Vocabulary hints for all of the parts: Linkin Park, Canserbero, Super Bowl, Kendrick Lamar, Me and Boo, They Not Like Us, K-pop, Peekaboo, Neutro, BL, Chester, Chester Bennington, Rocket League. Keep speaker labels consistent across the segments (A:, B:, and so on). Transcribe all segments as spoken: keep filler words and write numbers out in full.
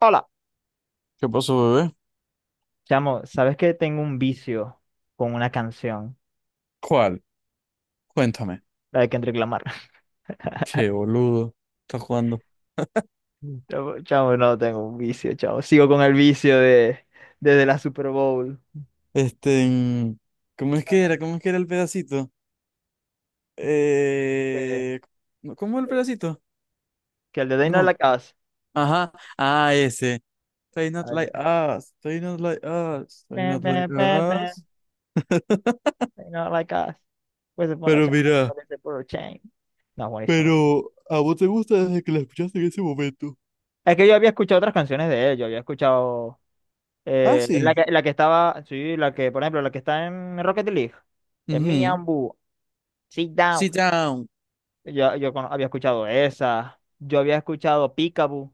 A: Hola.
B: ¿Qué pasó, bebé?
A: Chamo, ¿sabes que tengo un vicio con una canción?
B: ¿Cuál? Cuéntame.
A: La de Kendrick Lamar.
B: Qué boludo. Estás jugando.
A: Chamo, chamo, no tengo un vicio, chamo. Sigo con el vicio de desde la Super Bowl.
B: Este, en- ¿Cómo es que era? ¿Cómo es que era el pedacito?
A: Que,
B: Eh, ¿cómo cómo el pedacito?
A: que el de They Not
B: No.
A: Like Us.
B: Ajá. Ah, ese. They not
A: Ah, ya.
B: like us. They not like us. They
A: Ba,
B: not like
A: ba, ba, ba,
B: us.
A: They Not Like Us. Pues se pone a
B: Pero
A: chamo,
B: mira,
A: parece puro chain. No, buenísimo.
B: pero a vos te gusta desde que la escuchaste en ese momento.
A: Es que yo había escuchado otras canciones de él. Yo había escuchado
B: Ah,
A: eh, la
B: sí.
A: que, la que estaba, sí, la que, por ejemplo, la que está en Rocket League. Es Me
B: Ujú.
A: and Boo. Sit down.
B: Sit down.
A: Yo, yo cono- había escuchado esa. Yo había escuchado Peekaboo.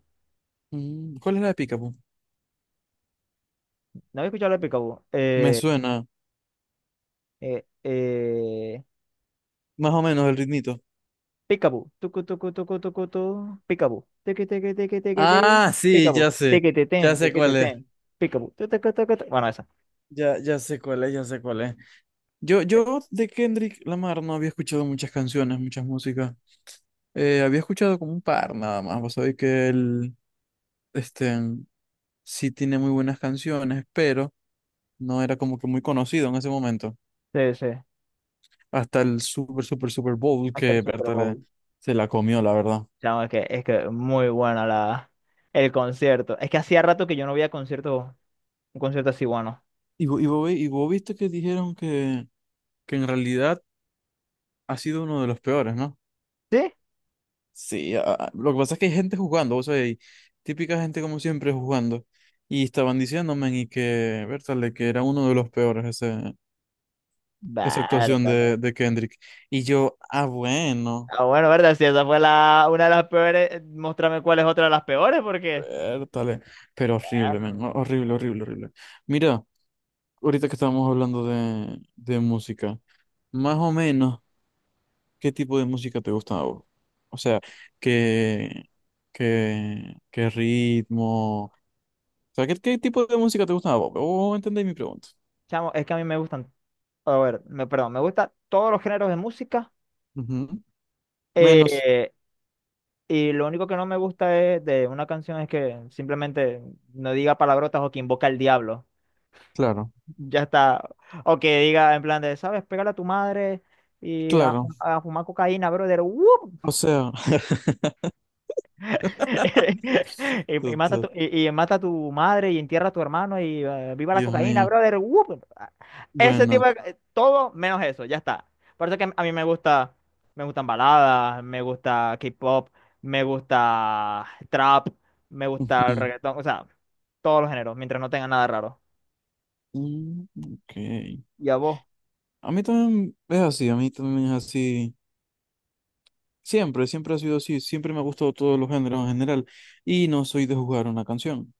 B: Mm, ¿cuál es la de Picapo?
A: ¿No había escuchado la de Peekaboo?
B: Me
A: Eh,
B: suena
A: eh, eh,
B: más o menos el ritmito.
A: Peekaboo. Tucu, tucu, tucu, tucu, tu. Peekaboo. Teque, teque, teque, teque, te.
B: Ah, sí,
A: Peekaboo.
B: ya sé,
A: Teque, te, ten,
B: ya sé
A: teque, te,
B: cuál es,
A: ten. Peekaboo. Tu, tucu, tucu, tu, tu. Bueno, esa.
B: ya, ya sé cuál es, ya sé cuál es. Yo,
A: eh,
B: yo de Kendrick Lamar no había escuchado muchas canciones, muchas músicas. Eh, había escuchado como un par nada más. Vos sabés que él, este, sí tiene muy buenas canciones, pero no era como que muy conocido en ese momento.
A: Sí, sí.
B: Hasta el Super, Super, Super Bowl
A: Hasta el
B: que
A: Super
B: Berta le-
A: Bowl.
B: se la comió, la verdad.
A: Chamo, es que, es que muy buena la, el concierto. Es que hacía rato que yo no veía concierto, un concierto así bueno.
B: Y, vo- y, vos, ve- y vos viste que dijeron que, que en realidad ha sido uno de los peores, ¿no?
A: ¿Sí?
B: Sí, a- a- lo que pasa es que hay gente jugando, o sea, hay típica gente como siempre jugando. Y estaban diciéndome y que, Bertale, que era uno de los peores ese, esa
A: Vale,
B: actuación
A: vale.
B: de, de Kendrick. Y yo, ah, bueno,
A: Ah, bueno, verdad, si esa fue la, una de las peores, eh, muéstrame cuál es otra de las peores, porque...
B: Bertale, pero horrible, men,
A: Perro.
B: ho- horrible, horrible, horrible. Mira, ahorita que estábamos hablando de, de música, más o menos, ¿qué tipo de música te gusta a vos? O sea, ¿qué, qué, qué ritmo? Sea, ¿qué, qué tipo de música te gusta a vos? ¿Vos entendéis mi pregunta?
A: Chamo, es que a mí me gustan, a ver, me, perdón, me gustan todos los géneros de música,
B: Ujú. Menos,
A: eh, y lo único que no me gusta es de una canción es que simplemente no diga palabrotas o que invoca al diablo,
B: claro.
A: ya está, o que diga en plan de, ¿sabes? Pégale a tu madre y a,
B: Claro,
A: fu- a fumar cocaína, brother. ¡Wup!
B: o sea,
A: Y, y mata a
B: tota,
A: tu, y, y mata a tu madre y entierra a tu hermano y eh, viva la
B: Dios
A: cocaína,
B: mío.
A: brother. ¡Wup! Ese tipo
B: Bueno,
A: de, eh, todo menos eso, ya está. Por eso que a mí me gusta, me gustan baladas, me gusta K-pop, me gusta trap, me gusta el
B: ujú.
A: reggaetón, o sea, todos los géneros, mientras no tenga nada raro.
B: Mm, ok.
A: ¿Y a vos?
B: A mí también es así, a mí también es así. Siempre, siempre ha sido así, siempre me ha gustado todos los géneros en general y no soy de jugar una canción.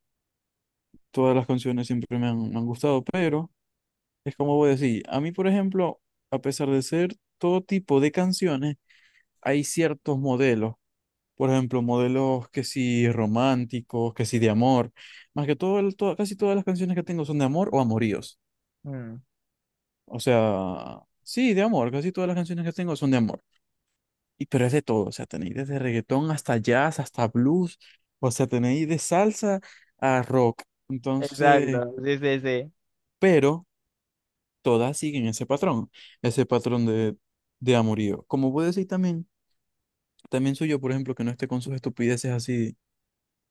B: Todas las canciones siempre me han, me han gustado, pero es como voy a decir, a mí, por ejemplo, a pesar de ser todo tipo de canciones, hay ciertos modelos. Por ejemplo, modelos que sí románticos, que sí de amor. Más que todo, el- to- casi todas las canciones que tengo son de amor o amoríos.
A: Mm,
B: O sea, sí, de amor. Casi todas las canciones que tengo son de amor. Y pero es de todo. O sea, tenéis desde reggaetón hasta jazz, hasta blues. O sea, tenéis de salsa a rock. Entonces,
A: exacto, sí, sí, sí.
B: pero todas siguen ese patrón. Ese patrón de, de amorío. Como puedo decir también, también soy yo, por ejemplo, que no esté con sus estupideces así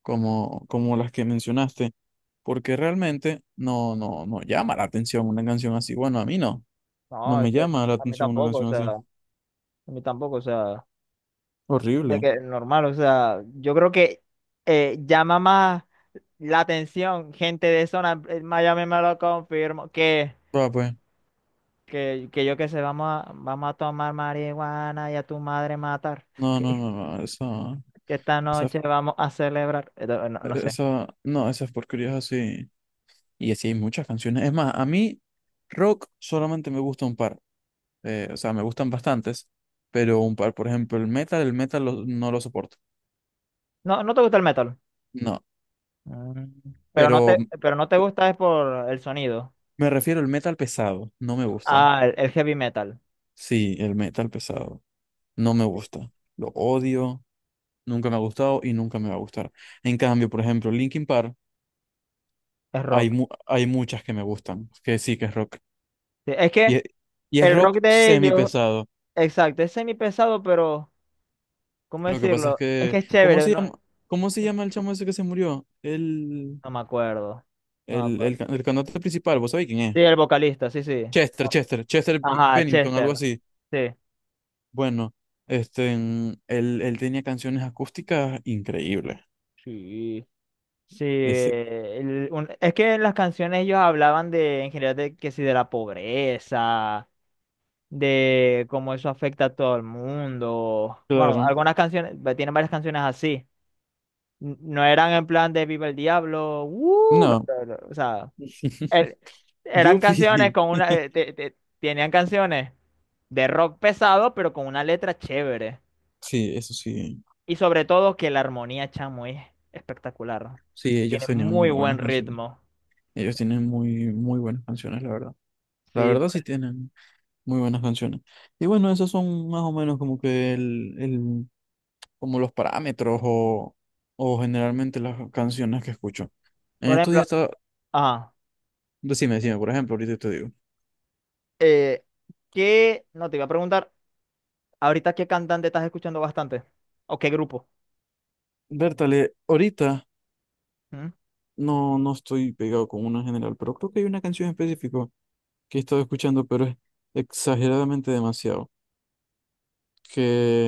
B: como, como las que mencionaste, porque realmente no, no, no llama la atención una canción así. Bueno, a mí no, no
A: No,
B: me
A: es que
B: llama la
A: a mí
B: atención una
A: tampoco, o
B: canción
A: sea,
B: así.
A: a mí tampoco, o sea. De
B: Horrible.
A: que normal, o sea, yo creo que eh, llama más la atención gente de zona, eh, Miami me lo confirmo, que,
B: Va, pues,
A: que, que yo que sé, vamos a, vamos a tomar marihuana y a tu madre matar,
B: no,
A: que,
B: no, no, no, esa,
A: que esta
B: esa,
A: noche vamos a celebrar. Eh, No, no no sé.
B: esa, no, esas porquerías así. Y así hay muchas canciones. Es más, a mí rock solamente me gusta un par, eh, o sea, me gustan bastantes, pero un par, por ejemplo, el metal, el metal lo- no lo soporto.
A: No, no te gusta el metal.
B: No,
A: Mm. Pero no
B: pero
A: te, pero no te gusta es por el sonido.
B: me refiero al metal pesado, no me gusta.
A: Ah, el, el heavy metal.
B: Sí, el metal pesado. No me gusta. Lo odio, nunca me ha gustado y nunca me va a gustar. En cambio, por ejemplo, Linkin Park,
A: Es
B: hay,
A: rock.
B: mu- hay muchas que me gustan, que sí que es rock.
A: Sí, es que
B: Y, es y es
A: el rock
B: rock
A: de
B: semi
A: ellos,
B: pesado.
A: exacto, es semi pesado, pero... ¿Cómo
B: Lo que pasa es
A: decirlo? Es que
B: que,
A: es
B: ¿cómo
A: chévere,
B: se
A: ¿no?
B: llama, cómo se
A: No
B: llama el chamo ese que se murió? El,
A: me acuerdo. No me
B: el, el,
A: acuerdo.
B: ca- el cantante principal, ¿vos sabéis quién
A: Sí,
B: es?
A: el vocalista, sí, sí.
B: Chester,
A: No.
B: Chester, Chester B-
A: Ajá,
B: Bennington, algo
A: Chester.
B: así.
A: Sí.
B: Bueno, este, en- él, él tenía canciones acústicas increíbles.
A: Sí. Sí.
B: Ese,
A: El- un- es que en las canciones ellos hablaban de, en general, de que sí, de la pobreza, de cómo eso afecta a todo el mundo. Bueno,
B: claro,
A: algunas canciones, va- tienen varias canciones así. N- No eran en plan de Viva el Diablo, ¡uh!
B: no.
A: No, no, o sea, er- eran canciones
B: Yupi.
A: con una, eh, te- te- tenían canciones de rock pesado, pero con una letra chévere.
B: Sí, eso sí.
A: Y sobre todo que la armonía, chamo, es espectacular.
B: Sí, ellos
A: Tiene
B: tenían
A: muy
B: muy
A: buen
B: buenas canciones.
A: ritmo.
B: Ellos tienen muy, muy buenas canciones, la verdad. La
A: Sí,
B: verdad
A: por, e,
B: sí tienen muy buenas canciones. Y bueno, esos son más o menos como que el, el, como los parámetros o, o generalmente las canciones que escucho. En
A: por
B: estos días
A: ejemplo,
B: estaba,
A: ah,
B: decime, decime, por ejemplo, ahorita te digo.
A: eh, ¿qué, no te iba a preguntar ahorita qué cantante estás escuchando bastante? ¿O qué grupo?
B: Bertale, ahorita
A: ¿Mm?
B: no, no estoy pegado con una en general, pero creo que hay una canción específica que he estado escuchando, pero es exageradamente demasiado. Que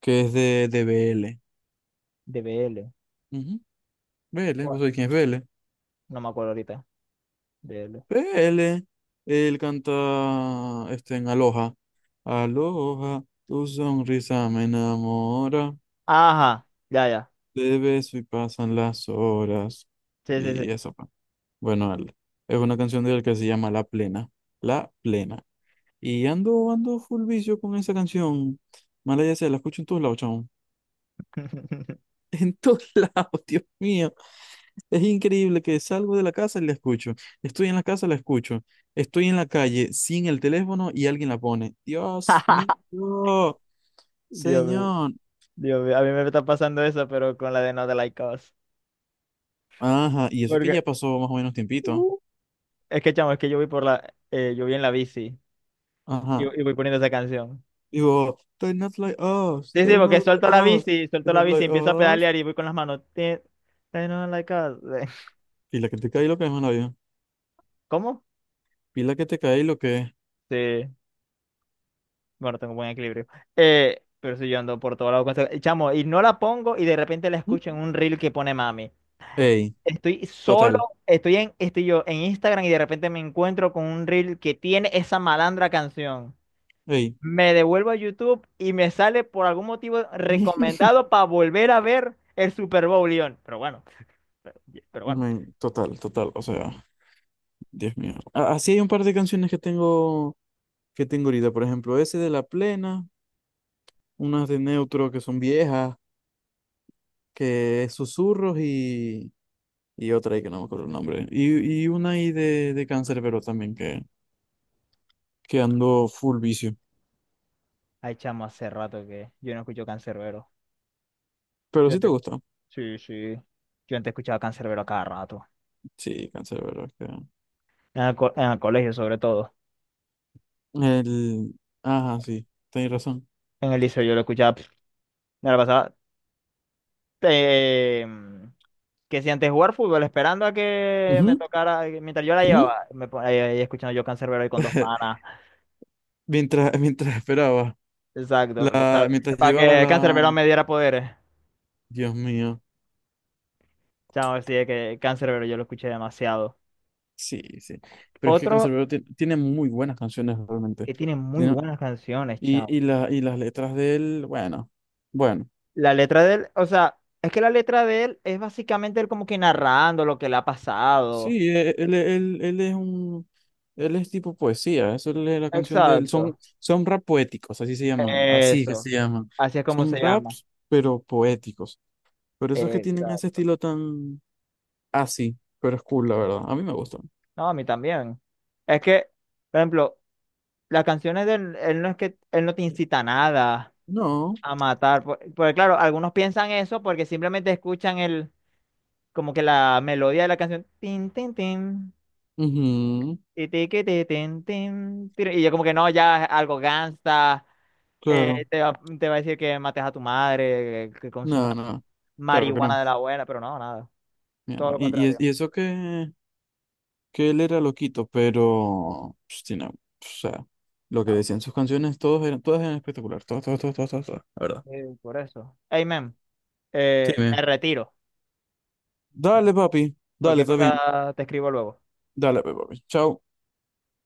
B: que es de, de B L.
A: De B L.
B: Ujú. BL,
A: ¿Cuál?
B: ¿vos sabés quién es B L?
A: No me acuerdo ahorita. B L.
B: B L, él canta este, en Aloha. Aloha, tu sonrisa me enamora,
A: Ajá, ya, ya.
B: te beso y pasan las horas.
A: Sí, sí,
B: Y
A: sí.
B: eso, pa. Bueno, él- es una canción de él que se llama La Plena. La Plena. Y ando, ando full vicio con esa canción. Mala ya sea, la escucho en todos lados, chamo. En todos lados, Dios mío. Es increíble que salgo de la casa y la escucho. Estoy en la casa, la escucho. Estoy en la calle sin el teléfono y alguien la pone. Dios mío,
A: Dios mío.
B: señor.
A: Dios mío, a mí me está pasando eso, pero con la de No de Like Us.
B: Ajá, y eso que
A: Porque,
B: ya pasó más o menos tiempito.
A: uh, es que, chamo, es que yo voy por la, eh, yo voy en la bici y,
B: Ajá.
A: y voy poniendo esa canción.
B: Digo, they're not like us,
A: Sí, sí,
B: they're
A: porque
B: not like
A: suelto la
B: us,
A: bici,
B: they're
A: suelto la
B: not
A: bici,
B: like
A: empiezo a
B: us.
A: pedalear y voy con las manos. Ti- They Don't Like Us.
B: Pila que te cae lo que es, mano.
A: ¿Cómo?
B: Pila que te cae lo que es.
A: Sí, bueno, tengo buen equilibrio. Eh, pero si yo ando por todo lado con esa- Chamo, y no la pongo y de repente la
B: ¿Mm?
A: escucho en un reel que pone mami.
B: Ey,
A: Estoy solo,
B: total,
A: estoy en, estoy yo en Instagram y de repente me encuentro con un reel que tiene esa malandra canción.
B: ey.
A: Me devuelvo a YouTube y me sale por algún motivo recomendado para volver a ver el Super Bowl León. Pero bueno, pero, pero bueno.
B: Men, total, total, o sea. Dios mío. A- Así hay un par de canciones que tengo, que tengo ahorita. Por ejemplo, ese de La Plena, unas de Neutro que son viejas, que es Susurros y, y otra ahí que no me acuerdo el nombre. Y, y una ahí de, de Canserbero también que, que ando full vicio.
A: Ay, chamo, hace rato que yo no escucho Canserbero.
B: Pero
A: Yo
B: sí te
A: antes,
B: gusta.
A: sí, sí. Yo antes escuchaba Canserbero a cada rato.
B: Sí, Canserbero. es que-
A: En el, co- en el colegio, sobre todo.
B: El... Ajá, sí, tenés razón.
A: En el liceo yo lo escuchaba. pf, Me la pasaba. eh, mm, que si antes jugar fútbol, esperando a que me
B: Ujú,
A: tocara, eh, mientras yo la
B: ujú.
A: llevaba, me ponía ahí ahí escuchando yo Canserbero ahí con dos panas.
B: Mientras, mientras esperaba,
A: Exacto.
B: la, mientras
A: Para
B: llevabas
A: que
B: la...
A: Canserbero me diera poderes.
B: Dios mío.
A: Chao, sí, es que pero yo lo escuché demasiado.
B: Sí, sí. Pero es que
A: Otro
B: Canserbero ti- tiene muy buenas canciones realmente.
A: que tiene muy
B: Tiene-
A: buenas canciones, chao.
B: y, y, la, y las letras de él, bueno, bueno.
A: La letra de él, o sea, es que la letra de él es básicamente él como que narrando lo que le ha pasado.
B: Sí, e- él, él, él es un, él es tipo poesía. Eso es la la canción de él. Son,
A: Exacto.
B: son rap poéticos, así se llaman. Así que
A: Eso.
B: se llaman.
A: Así es como
B: Son
A: se llama.
B: raps, pero poéticos. Por eso es que tienen ese
A: Exacto.
B: estilo tan así. Pero es cool, la verdad. A mí me gusta.
A: No, a mí también. Es que, por ejemplo, las canciones de él, él no es que él no te incita a nada
B: No.
A: a matar. por- Porque, claro, algunos piensan eso porque simplemente escuchan el, como que la melodía de la canción. Tin, tin, tin.
B: Ujú.
A: Y te que te ten, ten. Y yo como que no, ya algo gangsta, eh,
B: Claro.
A: te va, te va a decir que mates a tu madre, que, que consuma
B: Nada, nada. Claro que
A: marihuana
B: no.
A: de la buena, pero no, nada,
B: Mi
A: todo
B: hermano.
A: lo
B: Y, y, es-
A: contrario.
B: y eso que. Que él era loquito, pero, pues, tiene- o sea, lo que
A: No,
B: decían sus canciones, todos eran, todas eran espectacular, todas, todas, todas, todas, todas, todas, la verdad.
A: eh, por eso. Amen.
B: Sí,
A: Eh, me
B: me-
A: retiro.
B: Dale, papi, dale,
A: Cualquier
B: está bien,
A: cosa te escribo luego.
B: dale, pues, papi, chao.